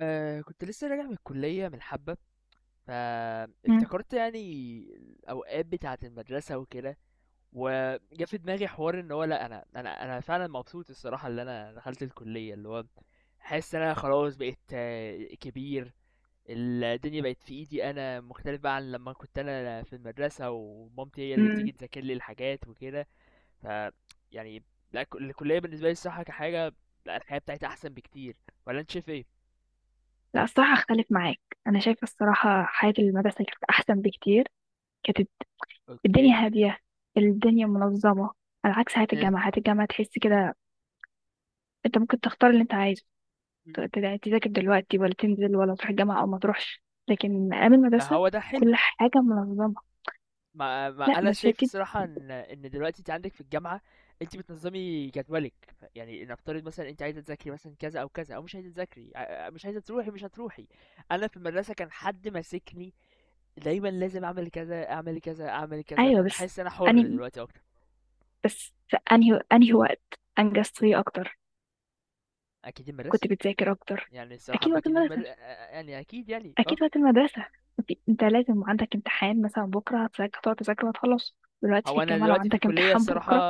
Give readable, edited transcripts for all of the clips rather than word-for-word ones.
كنت لسه راجع من الكلية من حبة، مم. فافتكرت يعني الأوقات بتاعة المدرسة وكده. وجا في دماغي حوار ان هو لا انا فعلا مبسوط الصراحة اللي انا دخلت الكلية، اللي هو حاسس ان انا خلاص بقيت كبير. الدنيا بقت في ايدي، انا مختلف بقى عن لما كنت انا في المدرسة ومامتي هي اللي مم. تيجي تذاكر لي الحاجات وكده. ف يعني، لا الكلية بالنسبة لي الصراحة كحاجة، لا الحياة بتاعتي احسن بكتير. ولا انت شايف ايه؟ لا، الصراحة أختلف معاك. أنا شايفة الصراحة حياة المدرسة كانت أحسن بكتير. كانت اوكي. الدنيا هادية، الدنيا منظمة، على عكس حياة الجامعة. حياة الجامعة تحس كده أنت ممكن تختار اللي أنت عايزه، ت- إيه. ت- تذاكر دلوقتي ولا تنزل ولا تروح الجامعة أو ما تروحش. لكن أيام ما المدرسة هو ده حلو. كل حاجة منظمة. ما لا انا بس هي. شايف الصراحه ان دلوقتي انت عندك في الجامعه، انت بتنظمي جدولك. يعني نفترض مثلا انت عايزه تذاكري مثلا كذا او كذا، او مش عايزه تذاكري، مش عايزه تروحي، مش هتروحي. انا في المدرسه كان حد ماسكني، دايما لازم اعمل كذا اعمل كذا اعمل كذا، أيوة فانا بس حاسس انا حر أني دلوقتي اكتر. بس في أنهي وقت أنجزت فيه أكتر؟ اكيد كنت المدرسه. بتذاكر أكتر. يعني الصراحه أكيد ما وقت اكيد المدرسة، يعني اكيد يعني اكيد اه وقت المدرسه. إنت لازم عندك امتحان مثلا بكره هتذاكر، هتقعد تذاكر وهتخلص. دلوقتي في هو انا الجامعه لو دلوقتي في عندك الكليه امتحان الصراحه، بكره.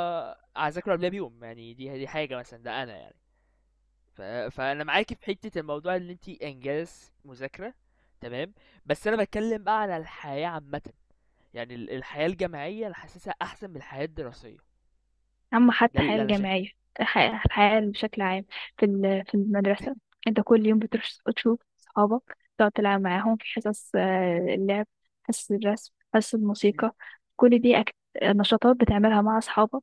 هذاكره قبلها بيوم. يعني دي حاجه مثلا، ده انا يعني. ف... فانا معاكي في حته الموضوع ان انت انجاز مذاكره، تمام. بس انا بتكلم بقى على الحياه عامه، يعني الحياه الجامعيه انا حاسسها احسن من الحياه الدراسيه. اما حتى ده الحياه اللي انا شايفه. الجامعيه، الحياة بشكل عام. في المدرسه انت كل يوم بتروح تشوف صحابك، تقعد تلعب معاهم في حصص اللعب، حصص الرسم، حصص مم. الموسيقى. كل دي أك... نشاطات بتعملها مع اصحابك،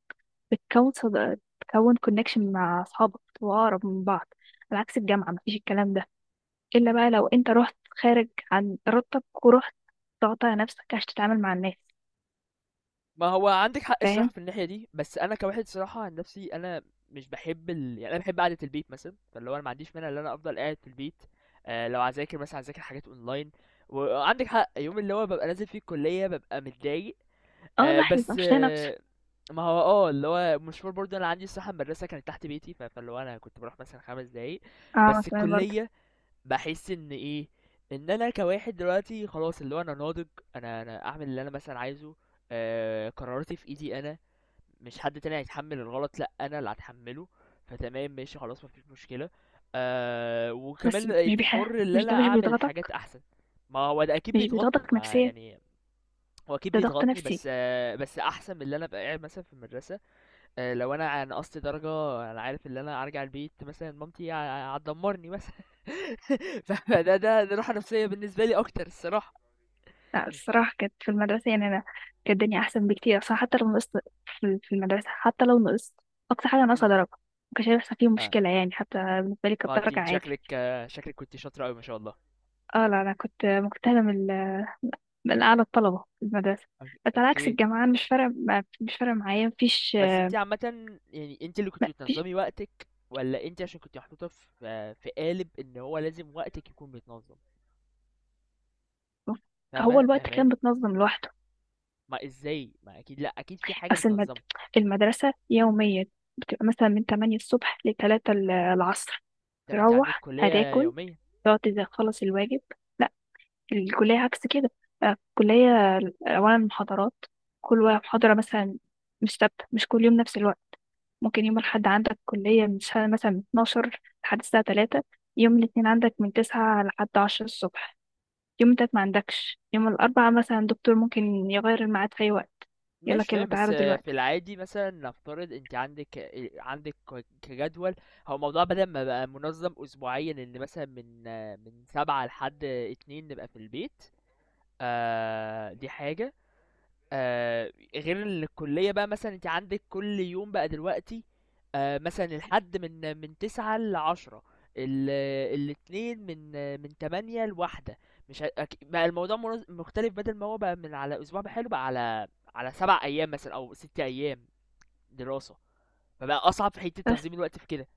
بتكون كونكشن مع اصحابك وأقرب من بعض. على عكس الجامعه، مفيش الكلام ده إلا بقى لو أنت رحت خارج عن إرادتك ورحت تقطع نفسك عشان تتعامل مع الناس. ما هو عندك حق الصراحه فاهم. في الناحيه دي، بس انا كواحد صراحه عن نفسي، انا مش بحب يعني انا بحب قعده البيت مثلا، فاللي هو انا ما عنديش مانع ان انا افضل قاعد في البيت. لو هذاكر مثلا هذاكر حاجات اونلاين. وعندك حق، يوم اللي هو ببقى نازل فيه الكليه ببقى متضايق. اه، آه الواحد بيبقى بس مش طايق نفسه. آه ما هو اللي هو مشوار برضه، انا عندي الصراحه المدرسه كانت تحت بيتي، فاللي هو انا كنت بروح مثلا 5 دقايق. اه بس تمام برضه. الكليه بحس ان ايه، ان انا كواحد دلوقتي خلاص اللي هو انا ناضج. انا اعمل اللي انا مثلا عايزه. قراراتي في ايدي انا، مش حد تاني هيتحمل الغلط، لا انا اللي هتحمله. فتمام، ماشي، خلاص، مفيش مشكله. بس وكمان بقيت حر ان انا مش اعمل بيضغطك؟ حاجات احسن. ما هو ده اكيد مش بيضغطني، بيضغطك ما نفسيا؟ يعني. هو اكيد ده ضغط بيضغطني، نفسي. بس بس احسن من اللي انا ابقى قاعد مثلا في المدرسه. لو انا عن قصت درجه، انا عارف ان انا ارجع البيت مثلا مامتي هتدمرني مثلا. فده ده ده راحه نفسيه بالنسبه لي اكتر الصراحه. لا، الصراحة كانت في المدرسة، يعني أنا كانت الدنيا أحسن بكتير أصلا. حتى لو نقصت في المدرسة، حتى لو نقصت، أقصى حاجة ناقصة مم. درجة، مكانش هيحصل فيه اه. مشكلة، يعني حتى بالنسبة لي كانت ما انت درجة انت عادي. شكلك كنت شاطره قوي، ما شاء الله. اه لا، أنا كنت مجتهدة من أعلى الطلبة في المدرسة. أوك- بس على عكس اوكي. الجامعة، أنا مش فارق معايا مفيش. بس انت عامه، يعني انت اللي كنت ما فيش، بتنظمي وقتك، ولا انت عشان كنت محطوطه في في قالب ان هو لازم وقتك يكون متنظم؟ هو فاهمه الوقت كان فاهماني؟ بتنظم لوحده. ما ازاي، ما اكيد، لا اكيد في حاجه بس المد... بتنظمه. المدرسة يوميا بتبقى مثلا من 8 الصبح ل 3 العصر، طب انت عندك تروح كليه هتاكل، يوميه؟ تقعد، تخلص الواجب. لا، الكلية عكس كده. الكلية أولا محاضرات، محاضرة مثلا مش ثابتة، مش كل يوم نفس الوقت. ممكن يوم الأحد عندك كلية من الساعة مثلا من 12 لحد الساعة 3، يوم الاثنين عندك من 9 لحد 10 الصبح، يوم التلات ما عندكش، يوم الأربعاء مثلا الدكتور ممكن يغير الميعاد في أي وقت، ماشي يقولك يلا تمام، بس تعالوا في دلوقتي. العادي مثلا نفترض انت عندك كجدول. هو الموضوع بدل ما بقى منظم اسبوعيا، ان مثلا من سبعة لحد اتنين نبقى في البيت. دي حاجة. غير الكلية بقى مثلا انت عندك كل يوم بقى دلوقتي، مثلا الحد من تسعة لعشرة، ال- الاتنين من تمانية لواحدة. مش ه- أك- بقى الموضوع مختلف، بدل ما هو بقى من على اسبوع بحاله بقى على 7 ايام مثلا او 6 ايام دراسة. فبقى اصعب في حتة بس تنظيم الوقت في كده.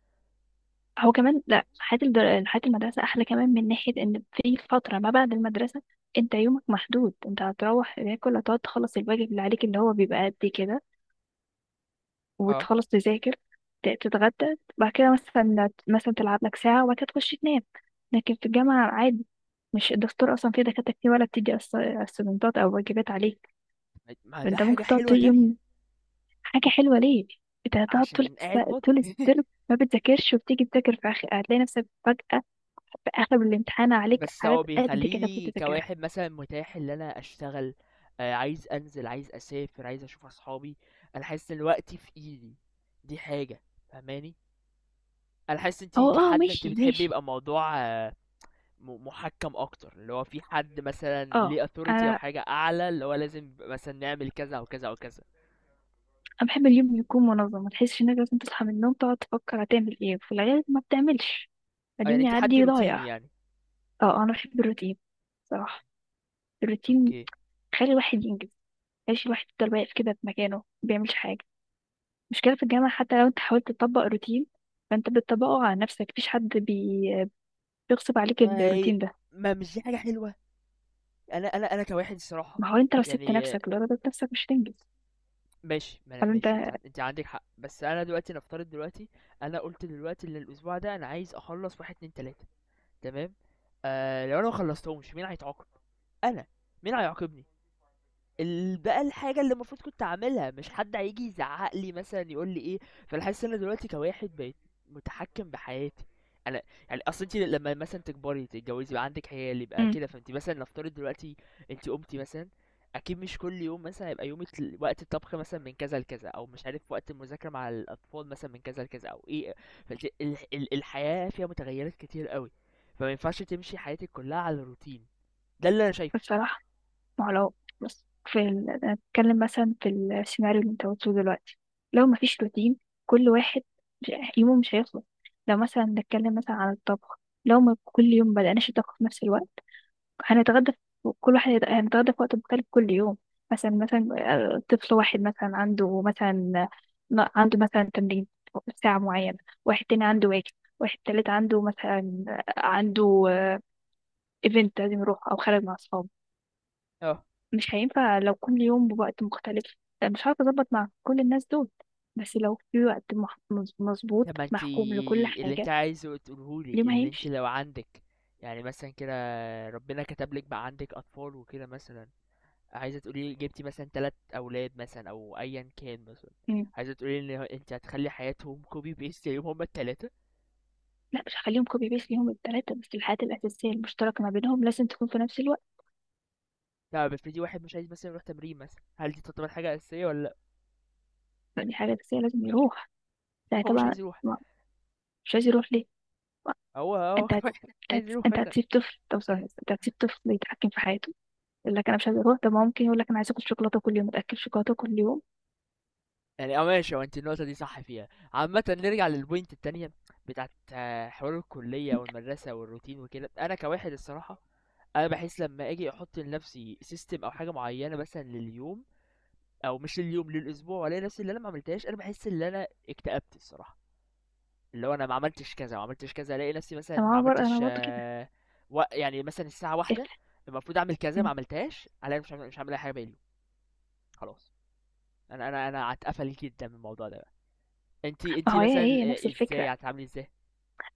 هو كمان لا، حياة المدرسة أحلى كمان من ناحية إن في فترة ما بعد المدرسة أنت يومك محدود. أنت هتروح تاكل، هتقعد تخلص الواجب اللي عليك، اللي هو بيبقى قد كده، اه، وتخلص تذاكر، تتغدى بعد كده، مثلا تلعب لك ساعة وبعد كده تخش تنام. لكن في الجامعة عادي، مش الدكتور أصلا، في دكاترة كتير ولا بتدي أسايمنتات أو واجبات عليك. ما ده فأنت حاجة ممكن تقعد حلوة طول تانية. يوم. حاجة حلوة ليه؟ انت هتقعد عشان قاعد فاضي. طول الترم ما بتذاكرش، وبتيجي تذاكر في آخر، هتلاقي نفسك فجأة في آخر الامتحان عليك بس حاجات هو قد بيخلّي كده كنت لي تذاكرها. كواحد مثلًا متاح اللي أنا أشتغل، عايز أنزل، عايز أسافر، عايز أشوف أصحابي، أنا حاسس إن وقتي في إيدي، دي حاجة، فاهماني؟ أنا حاسس أنتِ هو اه، كحد أنتِ ماشي بتحبي ماشي. يبقى الموضوع مُحكّم أكتر، اللي هو في حد مثلًا اه ليه authority أو انا حاجة أعلى، اللي هو لازم مثلًا نعمل كذا أو كذا أو كذا. انا بحب اليوم يكون منظم، ما تحسش انك لازم تصحى من النوم تقعد تفكر هتعمل ايه. في الغالب ما بتعملش، يعني اليوم أنتِ حد يعدي روتيني ضايع. يعني؟ اه، انا بحب الروتين صراحة. الروتين أوكي. خلي الواحد ينجز، خليش الواحد يفضل واقف كده في مكانه ما بيعملش حاجة. مشكلة في الجامعة، حتى لو انت حاولت تطبق روتين فانت بتطبقه على نفسك، مفيش حد بيغصب عليك ما هي، الروتين ده. ما مش دي حاجة حلوة؟ أنا كواحد الصراحة، ما هو انت لو سبت يعني نفسك لضربت نفسك، مش هتنجز. ماشي، ما أنا- ولا انت؟ ماشي انت انت عندك حق، بس انا دلوقتي نفترض دلوقتي. انا قلت دلوقتي ان الاسبوع ده انا عايز اخلص واحد اتنين تلاتة. تمام. لو انا مخلصتهمش مين هيتعاقب؟ انا. مين هيعاقبني؟ بقى الحاجة اللي المفروض كنت اعملها، مش حد هيجي يزعق لي مثلا يقول لي ايه. فانا حاسس ان انا دلوقتي كواحد بقيت متحكم بحياتي، انا. يعني اصل انت لما مثلا تكبري تتجوزي يبقى عندك عيال يبقى امم كده، فانت مثلا نفترض دلوقتي انت قمتي مثلا، اكيد مش كل يوم مثلا هيبقى يومك وقت الطبخ مثلا من كذا لكذا، او مش عارف وقت المذاكرة مع الاطفال مثلا من كذا لكذا، او ايه. فانت الحياة فيها متغيرات كتير قوي، فما ينفعش تمشي حياتك كلها على الروتين. ده اللي انا شايفه. بصراحة، ما هو لو بص انا بتكلم مثلا في السيناريو اللي انت قلته دلوقتي، لو مفيش روتين كل واحد مش... يومه مش هيخلص. لو مثلا نتكلم مثلا عن الطبخ، لو ما كل يوم بدأناش الطبخ في نفس الوقت هنتغدى، هنتغدى في وقت مختلف كل يوم. مثلا، طفل واحد مثلا عنده مثلا عنده مثلا تمرين ساعة معينة، واحد تاني عنده واجب، واحد تالت عنده مثلا عنده ايفنت لازم يروح أو خارج مع أصحابه. اه. مش هينفع لو كل يوم بوقت مختلف، مش عارفة أظبط مع كل الناس دول. بس لو في وقت طب مظبوط ما أنتِ محكوم لكل اللي أنتِ حاجة، عايزه تقوله لي، اليوم اللي أنتِ هيمشي. لو عندِك يعني مثلًا كده، ربنا كتب لِك بقى عندِك أطفال وكده مثلًا، عايزة تقولي لي جبتِ مثلًا 3 أولاد مثلًا أو أيًا كان مثلًا، مم. عايزة تقولي لي إن أنتِ هتخلّي حياتهم copy paste زيهم هُم ال3؟ لا، مش هخليهم كوبي بيس ليهم التلاتة، بس الحاجات الأساسية المشتركة ما بينهم لازم تكون في نفس الوقت. طب افرضي واحد مش عايز مثلًا يروح تمرين مثلًا، هل دي تعتبر حاجة أساسية والّا لأ؟ لأ، دي حاجة أساسية لازم يروح، ده هو مش طبعا. عايز يروح. ما- مش عايز يروح ليه؟ ما هو أنت هت... مش عايز يروح أنت مثلًا. هتسيب طفل؟ طب ثواني بس، أنت هتسيب طفل يتحكم في حياته، يقول لك أنا مش عايز أروح؟ طب ما ممكن يقول لك أنا عايز آكل شوكولاتة كل يوم، أتأكل شوكولاتة كل يوم؟ يعني ماشي، هو انت النقطة دي صح فيها عامة، نرجع للبوينت التانية بتاعت حوار الكلية والمدرسة والروتين وكده. أنا كواحد الصراحة، أنا بحس لما أجي أحط لنفسي سيستم أو حاجة معينة مثلا لليوم، أو مش لليوم للأسبوع، وألاقي نفسي اللي أنا ما عملتهاش، أنا بحس إن أنا اكتئبت الصراحة. اللي هو أنا ما عملتش كذا وما عملتش كذا، ألاقي نفسي مثلا طب ما ما هو أنا عملتش برضه كده. يعني مثلا الساعة إيه؟ واحدة المفروض أعمل كذا ما مم. عملتهاش، ألاقي مش عامل أي حاجة باقي اليوم. خلاص. أنا هتقفل جدا من الموضوع ده. انت ما انت هو هي مثلا هي نفس ازاي الفكرة. يعني هتتعاملي ازاي؟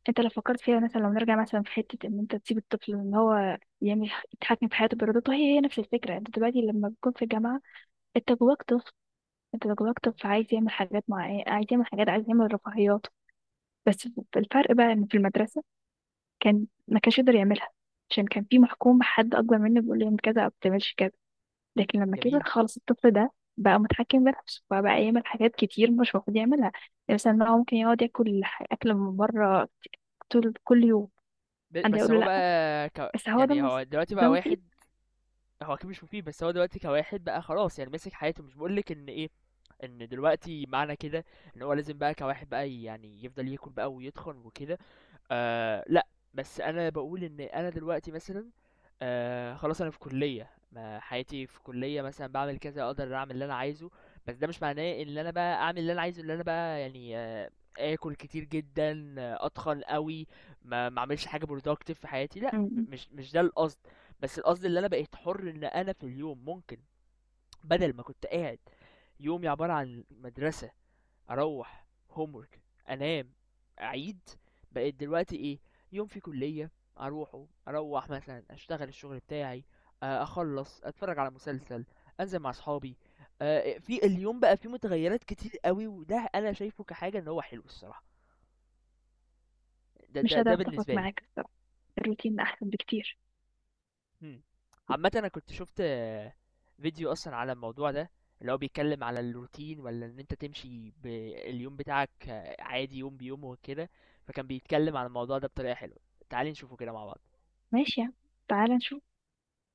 أنت لو فكرت فيها مثلا، لو نرجع مثلا في حتة إن أنت تسيب الطفل إن هو يعمل، يتحكم في حياته بإرادته، هي هي نفس الفكرة. أنت دلوقتي لما بتكون في الجامعة أنت جواك طفل، أنت جواك طفل عايز يعمل حاجات معينة، عايز يعمل حاجات، عايز يعمل رفاهيات. بس الفرق بقى ان في المدرسة كان ما كانش يقدر يعملها عشان كان في محكوم بحد اكبر منه بيقول له اعمل كذا او بتعملش كذا. لكن لما كبر جميل. خلاص الطفل ده بقى متحكم بنفسه، فبقى يعمل حاجات كتير مش المفروض يعملها. يعني مثلا إن هو ممكن يقعد ياكل اكل من بره طول كل يوم، حد بس يقول له هو لا؟ بقى بس هو يعني هو دلوقتي ده بقى مفيد؟ واحد. هو اكيد مش مفيد، بس هو دلوقتي كواحد بقى خلاص، يعني ماسك حياته. مش بقولك ان ايه، ان دلوقتي معنى كده، ان هو لازم بقى كواحد بقى يعني يفضل ياكل بقى ويتخن وكده. آه لا، بس انا بقول ان انا دلوقتي مثلا خلاص، انا في كلية، ما حياتي في كلية مثلا بعمل كذا، اقدر اعمل اللي انا عايزه. بس ده مش معناه ان انا بقى اعمل اللي انا عايزه، اللي انا بقى يعني اكل كتير جدا، اتخن قوي، ما اعملش حاجه productive في حياتي. لا، م- مش ده القصد. بس القصد اللي انا بقيت حر ان انا في اليوم ممكن، بدل ما كنت قاعد يومي عباره عن مدرسه، اروح homework انام اعيد، بقيت دلوقتي ايه؟ يوم في كليه، اروح مثلا اشتغل الشغل بتاعي، اخلص اتفرج على مسلسل، انزل مع اصحابي. في اليوم بقى فيه متغيرات كتير قوي، وده انا شايفه كحاجه ان هو حلو الصراحه. ده مش ده قادرة ده اتفق بالنسبه لي. معاك الصراحة، الروتين احسن بكتير. مم. عامه انا كنت شفت فيديو اصلا على الموضوع ده، اللي هو بيتكلم على الروتين ولا ان انت تمشي باليوم بتاعك عادي، يوم بيوم وكده. فكان بيتكلم عن الموضوع ده بطريقه حلوه، تعالي نشوفه كده مع بعض. ماشي يا عم. تعالى نشوف.